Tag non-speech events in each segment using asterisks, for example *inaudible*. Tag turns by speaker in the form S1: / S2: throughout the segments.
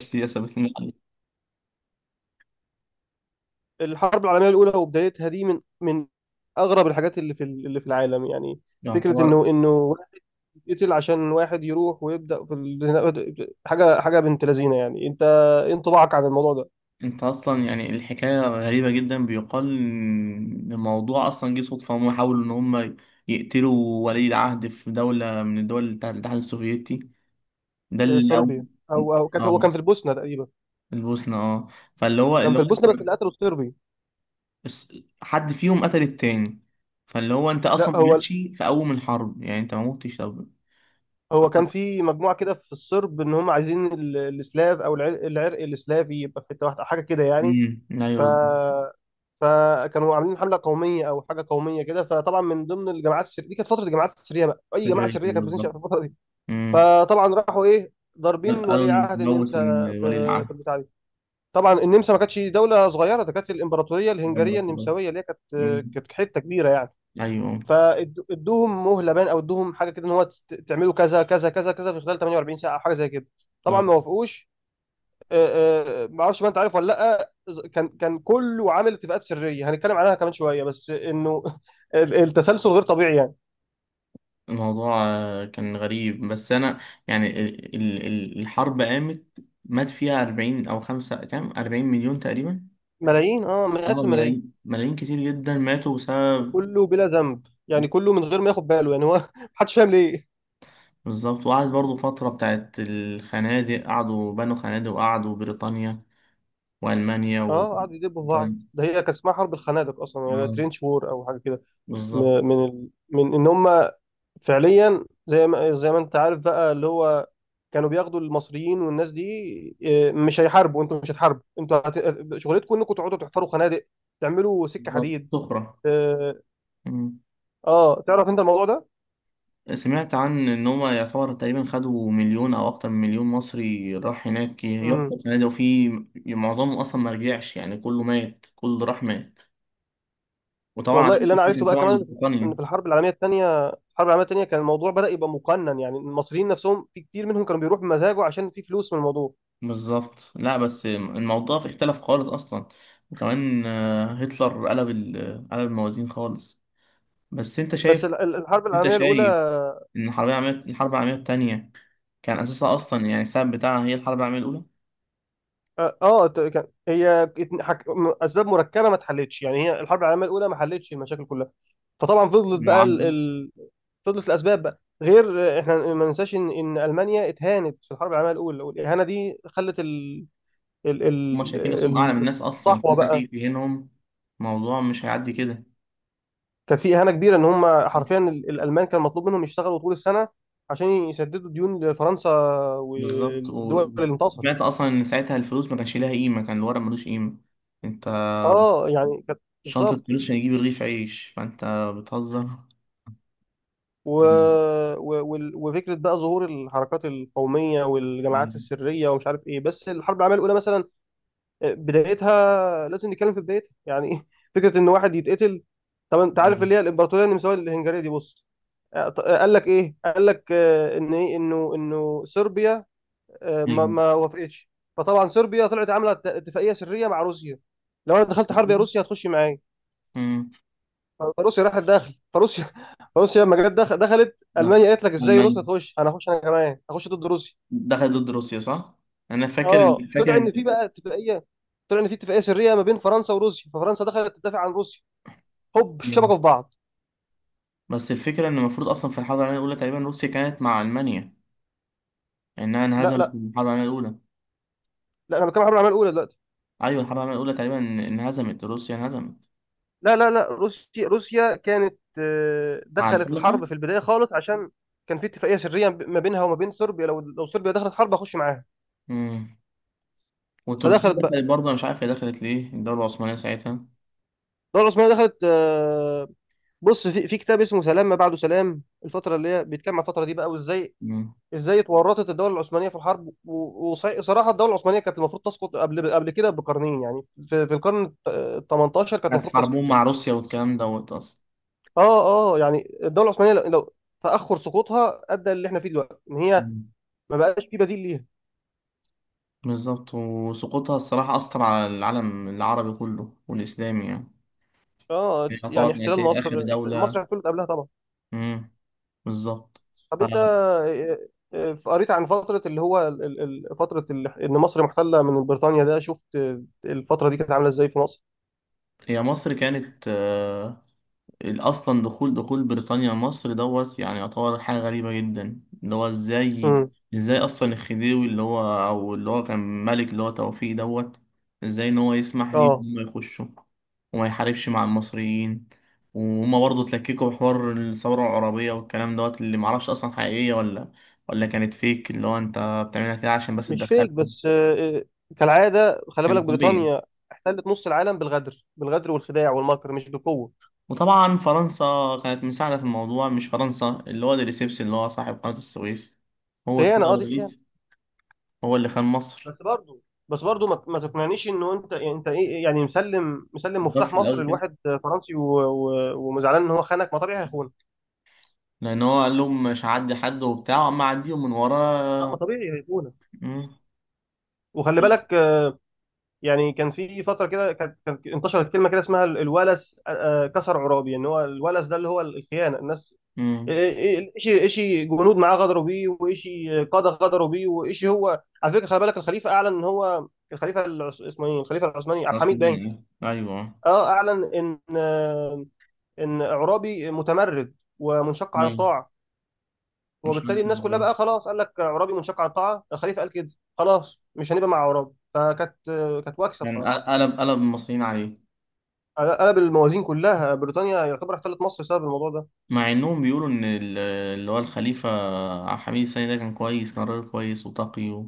S1: السياسة ثابت لنا عليه.
S2: الحرب العالميه الاولى وبدايتها دي من اغرب الحاجات اللي في العالم يعني، فكره
S1: يعتبر
S2: انه واحد يقتل عشان واحد يروح ويبدا في حاجه بنت لذينه يعني. انت ايه انطباعك عن الموضوع ده؟
S1: انت اصلا يعني الحكاية غريبة جدا، بيقال ان الموضوع اصلا جه صدفة. هم حاولوا ان هم يقتلوا ولي العهد في دولة من الدول بتاعت الاتحاد السوفيتي. ده
S2: آه، صربيا. او كانت، هو
S1: اه،
S2: كان في البوسنه تقريبا.
S1: البوسنة اه. فاللي هو
S2: كان
S1: اللي
S2: في
S1: هو
S2: البوسنه بس
S1: انت،
S2: اللي قتلوا الصربي.
S1: بس حد فيهم قتل التاني. فاللي هو انت
S2: لا،
S1: اصلا ماشي في اول الحرب، يعني انت ما موتش. طب
S2: هو كان في مجموعه كده في الصرب ان هم عايزين السلاف او العرق, العرق السلافي يبقى في حته واحده حاجه كده يعني.
S1: امم، ايوه
S2: ف
S1: بالظبط.
S2: فكانوا عاملين حمله قوميه او حاجه قوميه كده. فطبعا من ضمن الجماعات الشريره دي، كانت فتره الجماعات الشريره بقى، اي جماعه
S1: سرية
S2: شريره كانت بتنشا
S1: بالظبط.
S2: في الفتره دي.
S1: امم،
S2: فطبعا راحوا ايه، ضاربين
S1: قالوا
S2: ولي
S1: إن
S2: عهد
S1: موت
S2: النمسا
S1: ولي
S2: في البتاع دي. طبعا النمسا ما كانتش دوله صغيره، ده كانت الامبراطوريه الهنجريه
S1: العهد.
S2: النمساويه اللي هي كانت،
S1: مم.
S2: كانت حته كبيره يعني.
S1: ايوه
S2: فادوهم مهله بان، او ادوهم حاجه كده ان هو تعملوا كذا كذا كذا كذا في خلال 48 ساعه او حاجه زي كده. طبعا
S1: آه،
S2: ما وافقوش. ما اعرفش بقى، انت عارف ولا لا؟ كان كله عامل اتفاقات سريه هنتكلم عنها كمان شويه، بس انه *laughs* التسلسل غير طبيعي يعني.
S1: الموضوع آه، كان غريب. بس انا يعني الحرب قامت، مات فيها 40 او خمسة كام، 40 مليون تقريبا.
S2: ملايين، اه مئات
S1: اه
S2: الملايين.
S1: ملايين، ملايين كتير جدا ماتوا بسبب.
S2: وكله بلا ذنب يعني، كله من غير ما ياخد باله يعني، هو *laughs* محدش فاهم ليه.
S1: بالظبط، وقعد برضو فترة بتاعت الخنادق، قعدوا بنوا خنادق، وقعدوا بريطانيا وألمانيا و
S2: اه قعدوا يدبوا في بعض، ده هي كان اسمها حرب الخنادق اصلا يعني،
S1: آه،
S2: ترينش وور او حاجه كده.
S1: بالظبط.
S2: من ان هم فعليا زي ما انت عارف بقى، اللي هو كانوا بياخدوا المصريين والناس دي، إيه، مش هيحاربوا، انتوا مش هتحاربوا، انتوا شغلتكم انكم تقعدوا تحفروا خنادق، تعملوا سكه
S1: بالظبط
S2: حديد.
S1: سخرة.
S2: اه آه، تعرف انت الموضوع ده؟
S1: سمعت عن ان هم يعتبر تقريبا خدوا مليون او اكتر من مليون مصري راح هناك
S2: امم
S1: يحفر فنادق، وفي معظمهم اصلا ما رجعش، يعني كله مات، كله اللي راح مات. وطبعا
S2: والله
S1: عشان
S2: اللي انا عرفته
S1: قصة
S2: بقى
S1: طبعا
S2: كمان، ان
S1: البريطانيا
S2: في الحرب العالميه الثانيه، كان الموضوع بدا يبقى مقنن يعني. المصريين نفسهم، في كتير منهم كانوا بيروحوا بمزاجه عشان في فلوس من الموضوع.
S1: بالظبط. لا بس الموضوع اختلف خالص اصلا، وكمان آه، هتلر قلب قلب الموازين خالص. بس انت
S2: بس
S1: شايف،
S2: الحرب
S1: انت
S2: العالميه الاولى،
S1: شايف ان الحرب العالميه الثانيه كان اساسها اصلا يعني السبب بتاعها هي الحرب العالميه الاولى.
S2: اه آه، ت- كان هي ات- حك... م- اسباب مركبه ما اتحلتش يعني، هي الحرب العالميه الاولى ما حلتش المشاكل كلها. فطبعا فضلت بقى
S1: المعاهده،
S2: تدرس الاسباب بقى، غير احنا ما ننساش ان المانيا اتهانت في الحرب العالميه الاولى، والاهانه دي خلت ال
S1: هما
S2: ال
S1: شايفين نفسهم أعلى من
S2: ال-
S1: الناس أصلا،
S2: الصحوه
S1: فأنت
S2: بقى.
S1: تيجي تهينهم، الموضوع مش هيعدي كده.
S2: كان في اهانه كبيره ان هم حرفيا الالمان كان مطلوب منهم يشتغلوا طول السنه عشان يسددوا ديون لفرنسا
S1: بالظبط.
S2: والدول اللي انتصرت.
S1: وسمعت أصلا إن ساعتها الفلوس ما كانش ليها قيمة، كان الورق ملوش قيمة. أنت
S2: اه يعني كانت
S1: شنطة
S2: بالظبط.
S1: فلوس عشان تجيب رغيف عيش، فأنت بتهزر.
S2: و...
S1: *laughs*
S2: و... وال- وفكره بقى ظهور الحركات القوميه والجماعات
S1: أمم.
S2: السريه ومش عارف ايه. بس الحرب العالميه الاولى مثلا، بدايتها لازم نتكلم في بدايتها يعني ايه. فكره ان واحد يتقتل. طب انت عارف اللي هي الامبراطوريه النمساويه الهنغاريه دي؟ بص، قال لك ايه، قال لك آه، ان ايه انه صربيا آه، ما
S1: أيوه
S2: ما وافقتش. فطبعا صربيا طلعت عامله اتفاقيه سريه مع روسيا، لو انا دخلت حرب يا روسيا هتخش معايا.
S1: أمم.
S2: فروسيا راحت داخل، فروسيا *laughs* فروسيا لما جت دخلت
S1: ده
S2: المانيا قالت لك ازاي
S1: ألمانيا
S2: روسيا تخش، انا هخش، انا كمان هخش ضد روسيا.
S1: دخلت ضد روسيا صح؟ أنا فاكر إن
S2: اه
S1: فاكر
S2: طلع ان في
S1: إن
S2: بقى اتفاقيه، طلع ان في اتفاقيه سريه ما بين فرنسا وروسيا، ففرنسا دخلت تدافع عن روسيا. هوب
S1: أمم.
S2: شبكوا في بعض.
S1: بس الفكرة إن المفروض أصلا في الحرب العالمية الأولى تقريبا روسيا كانت مع ألمانيا، إنها
S2: لا
S1: انهزمت في
S2: لا
S1: الحرب العالمية الأولى.
S2: لا انا بتكلم عن الحرب العالميه الاولى دلوقتي.
S1: ايوه الحرب العالميه الاولى تقريبا انهزمت، روسيا انهزمت.
S2: لا، روسيا كانت آه،
S1: مع
S2: دخلت
S1: الحلفاء.
S2: الحرب في البدايه خالص عشان كان في اتفاقيه سريه ما بينها وما بين صربيا، لو صربيا دخلت حرب هخش معاها.
S1: امم. وتركيا
S2: فدخلت بقى،
S1: دخلت برضه، انا مش عارف هي دخلت ليه الدوله العثمانيه ساعتها.
S2: الدوله العثمانيه دخلت آه، بص في في كتاب اسمه سلام ما بعده سلام، الفتره اللي هي بيتكلم عن الفتره دي بقى،
S1: امم.
S2: ازاي اتورطت الدوله العثمانيه في الحرب. وصراحه الدوله العثمانيه كانت المفروض تسقط قبل كده بقرنين يعني، في في القرن ال 18 كانت
S1: كانت
S2: المفروض تسقط
S1: حربهم مع
S2: يعني.
S1: روسيا والكلام دوت اصلا.
S2: اه يعني الدوله العثمانيه لو تاخر سقوطها ادى اللي احنا فيه دلوقتي، ان هي
S1: مم.
S2: ما بقاش في بديل ليها.
S1: بالظبط. وسقوطها الصراحه اثر على العالم العربي كله والاسلامي يعني.
S2: اه
S1: هي يعتبر
S2: يعني
S1: كانت
S2: احتلال
S1: هي
S2: مصر،
S1: اخر دوله.
S2: مصر احتلت قبلها طبعا.
S1: امم بالظبط.
S2: طب انت آه، آه، قريت عن فتره اللي هو فتره ان مصر محتله من بريطانيا ده؟ شفت آه، الفتره دي كانت عامله ازاي في مصر؟
S1: فهي مصر كانت آه، اصلا دخول بريطانيا مصر دوت يعني يعتبر حاجه غريبه جدا، اللي هو ازاي،
S2: امم،
S1: ازاي اصلا الخديوي اللي هو او اللي هو كان ملك، اللي هو توفيق دوت، ازاي ان هو يسمح ليهم
S2: اه.
S1: ان هم يخشوا وما يحاربش مع المصريين. وهما برضه اتلككوا بحوار الثوره العربيه والكلام دوت، اللي معرفش اصلا حقيقيه ولا، ولا كانت فيك اللي هو انت بتعملها كده عشان بس
S2: مش فيك
S1: تدخلهم.
S2: بس آه، آه، كالعاده خلي
S1: كان
S2: بالك،
S1: طبيعي.
S2: بريطانيا احتلت نص العالم بالغدر، والخداع والمكر، مش بالقوه.
S1: وطبعا فرنسا كانت مساعدة في الموضوع، مش فرنسا اللي هو ديريسيبس اللي هو صاحب قناة السويس، هو السيد
S2: خيانه، اه دي خيانه.
S1: الرئيس، هو اللي خان مصر.
S2: بس برضو بس برضو ما تقنعنيش انه انت ايه، إيه، يعني مسلم،
S1: ضف
S2: مفتاح
S1: في
S2: مصر
S1: الأول كده،
S2: لواحد فرنسي و- و- ومزعلان ان هو خانك، ما طبيعي هيخونك.
S1: لأن هو قال لهم مش هعدي حد وبتاع أما أعديهم من
S2: اه ما
S1: ورا.
S2: طبيعي هيخونك.
S1: مم.
S2: وخلي بالك آه، يعني كان في فتره كده، كانت انتشرت كلمه كده اسمها الولس آه، آه، كسر عرابي، ان هو الولس ده اللي هو الخيانه. الناس،
S1: مم.
S2: ايشي جنود معاه غدروا بيه، وايشي قاده غدروا بيه، وايشي. هو على فكره خلي بالك الخليفه اعلن ان هو الخليفه اسمه ايه، الخليفه العثماني عبد
S1: غصب
S2: الحميد باين،
S1: عني آه. أيوه.
S2: اه اعلن ان اعرابي متمرد ومنشق عن
S1: أيوه.
S2: الطاعه.
S1: مش
S2: وبالتالي
S1: عارف
S2: الناس كلها
S1: إزاي.
S2: بقى خلاص، قال لك اعرابي منشق عن الطاعه، الخليفه قال كده، خلاص مش هنبقى مع اعراب. كانت واكسه
S1: يعني
S2: بصراحه.
S1: قلب، قلب المصريين عليه.
S2: قلب الموازين كلها، بريطانيا يعتبر احتلت مصر بسبب الموضوع ده.
S1: مع إنهم بيقولوا إن اللي هو الخليفة عبد الحميد الثاني ده كان كويس، كان راجل كويس وتقي.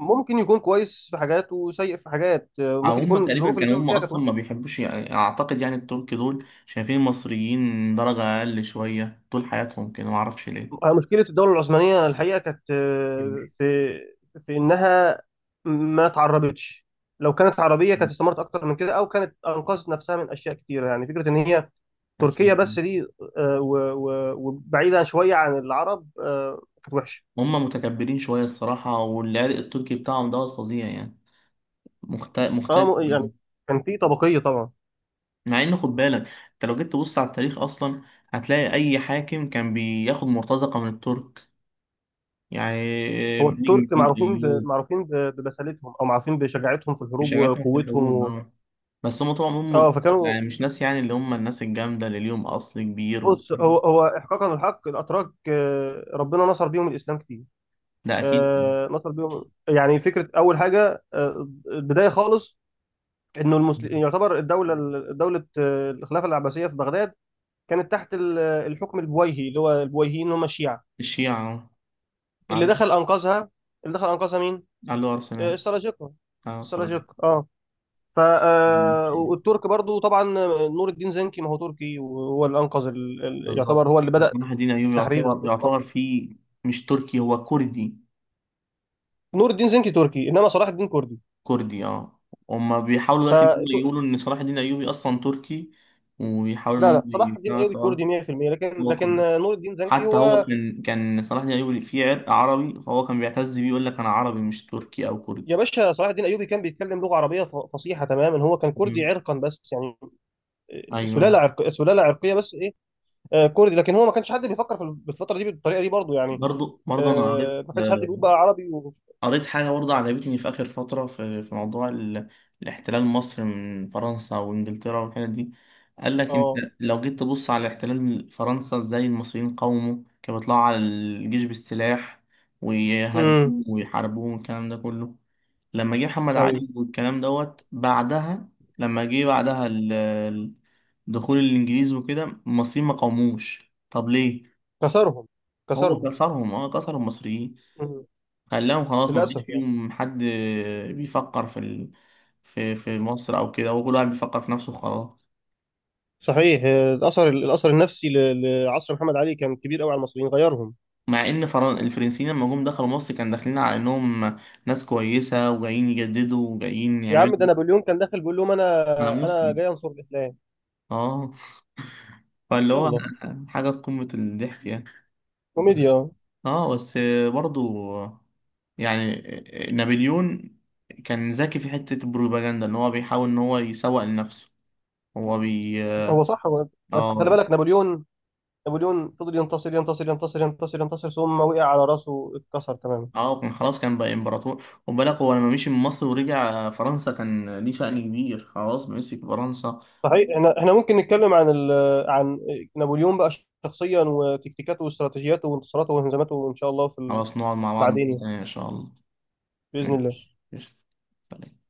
S2: ممكن يكون كويس في حاجات وسيء في حاجات،
S1: أو
S2: ممكن
S1: هم
S2: يكون
S1: تقريبا
S2: الظروف اللي
S1: كانوا
S2: كان
S1: هم
S2: فيها كانت
S1: اصلا
S2: وحشه.
S1: ما بيحبوش يعني، اعتقد يعني الترك دول شايفين المصريين درجة اقل شوية طول حياتهم كده، ما اعرفش ليه.
S2: مشكله الدوله العثمانيه الحقيقه كانت
S1: *laughs*
S2: في انها ما تعربتش. لو كانت عربيه كانت استمرت اكتر من كده، او كانت انقذت نفسها من اشياء كتيره يعني. فكره ان هي تركيا
S1: اكيد.
S2: بس دي آه، و- و- وبعيدة شوية عن العرب آه، كانت وحشة.
S1: هم متكبرين شوية الصراحة، والعرق التركي بتاعهم دوت فظيع يعني،
S2: اه
S1: مختلف.
S2: م- يعني كان في طبقية طبعا.
S1: مع ان خد بالك، انت لو جيت تبص على التاريخ اصلا، هتلاقي اي حاكم كان بياخد مرتزقة من الترك، يعني
S2: هو
S1: نجم
S2: الترك
S1: الدين
S2: معروفين ب...
S1: ايوب.
S2: معروفين ب... ببسالتهم، او معروفين بشجاعتهم في الحروب
S1: بيشجعتهم في
S2: وقوتهم
S1: الحروب اه. بس هم طول عمرهم
S2: اه
S1: مرتضى،
S2: فكانوا،
S1: يعني مش ناس يعني اللي هم الناس الجامدة اللي ليهم أصل كبير و...
S2: بص هو احقاقا الحق الاتراك آه، ربنا نصر بيهم الاسلام كتير.
S1: ده أكيد.
S2: آه، نصر بيهم يعني. فكرة اول حاجة آه، البداية خالص، انه المسلم يعتبر دولة آه، الخلافة العباسية في بغداد، كانت تحت الحكم البويهي، اللي هو البويهيين هم الشيعة.
S1: الشيعة آه.
S2: اللي
S1: عارف.
S2: دخل انقذها، اللي دخل انقذها مين؟
S1: علو
S2: آه،
S1: أرسنال.
S2: السلاجقه.
S1: آه صراحة.
S2: السلاجقه اه. آه، والترك برضو طبعا، نور الدين زنكي ما هو تركي، وهو اللي انقذ يعتبر
S1: بالظبط.
S2: هو اللي بدأ
S1: صلاح الدين أيوبي
S2: تحرير
S1: يعتبر
S2: البيت
S1: يعتبر
S2: المقدس.
S1: فيه، مش تركي، هو كردي.
S2: نور الدين زنكي تركي، انما صلاح الدين كردي.
S1: كردي اه. هما بيحاولوا
S2: ف
S1: دلوقتي إن هم
S2: ت-
S1: يقولوا إن صلاح الدين أيوبي أصلا تركي، وبيحاولوا إن
S2: لا
S1: هم
S2: لا، صلاح الدين
S1: يقنعوا
S2: ايوبي
S1: سواء.
S2: كردي 100%
S1: هو
S2: لكن
S1: كردي.
S2: آه، نور الدين زنكي
S1: حتى هو
S2: هو،
S1: كان، كان صلاح دين الايوبي فيه عرق عربي، فهو كان بيعتز بيه، يقول لك انا عربي مش تركي او
S2: يا
S1: كردي.
S2: باشا صلاح الدين ايوبي كان بيتكلم لغه عربيه فصيحه تماما. هو كان كردي
S1: مم.
S2: عرقا بس يعني، آه،
S1: ايوه.
S2: سلاله عرقيه بس ايه، آه، كردي. لكن هو ما كانش حد بيفكر في الفتره دي بالطريقه دي برضو يعني،
S1: برضه انا قريت،
S2: آه ما كانش حد بيقول بقى عربي
S1: قريت حاجة برضه عجبتني في آخر فترة في موضوع ال... الاحتلال، مصر من فرنسا وإنجلترا والحاجات دي. قال لك أنت
S2: اه.
S1: لو جيت تبص على احتلال فرنسا، إزاي المصريين قاوموا، كانوا بيطلعوا على الجيش بالسلاح
S2: امم،
S1: ويهاجموا ويحاربوهم والكلام ده كله. لما جه محمد
S2: ايوه.
S1: علي والكلام دوت بعدها، لما جه بعدها دخول الإنجليز وكده، المصريين ما قاوموش، طب ليه؟
S2: كسرهم،
S1: هو
S2: كسرهم.
S1: كسرهم اه، كسر المصريين،
S2: مم.
S1: خلاهم خلاص ما بقاش
S2: للاسف يعني.
S1: فيهم حد بيفكر في ال... في في مصر او كده، وكل واحد بيفكر في نفسه خلاص.
S2: صحيح آه، الاثر النفسي لعصر محمد علي كان كبير قوي على المصريين، غيرهم.
S1: مع ان فرن... الفرنسيين لما جم دخلوا مصر كان داخلين على انهم ناس كويسه وجايين يجددوا وجايين
S2: يا عم ده
S1: يعملوا.
S2: نابليون كان داخل بيقول لهم
S1: انا
S2: انا
S1: مسلم
S2: جاي انصر الاسلام.
S1: اه. فاللي هو
S2: يلا،
S1: حاجه في قمه الضحك يعني. بس
S2: كوميديا.
S1: اه، بس برضو يعني نابليون كان ذكي في حته البروباجندا، ان هو بيحاول ان هو يسوق لنفسه. هو بي...
S2: هو صح هو بس خلي
S1: اه.
S2: بالك نابليون، فضل ينتصر ينتصر ينتصر ينتصر ينتصر، ثم وقع على راسه، اتكسر تماما.
S1: اه كان خلاص كان بقى امبراطور، وبالك هو لما مشي من مصر ورجع فرنسا كان ليه شأن كبير، خلاص مسك فرنسا.
S2: صحيح، احنا ممكن نتكلم عن عن نابليون بقى شخصيا، وتكتيكاته واستراتيجياته وانتصاراته وهزيماته، ان شاء الله في
S1: خلاص نقعد مع بعض
S2: بعدين
S1: مرة
S2: يعني،
S1: تانية ان شاء الله.
S2: باذن الله.
S1: ماشي قشطة. سلام.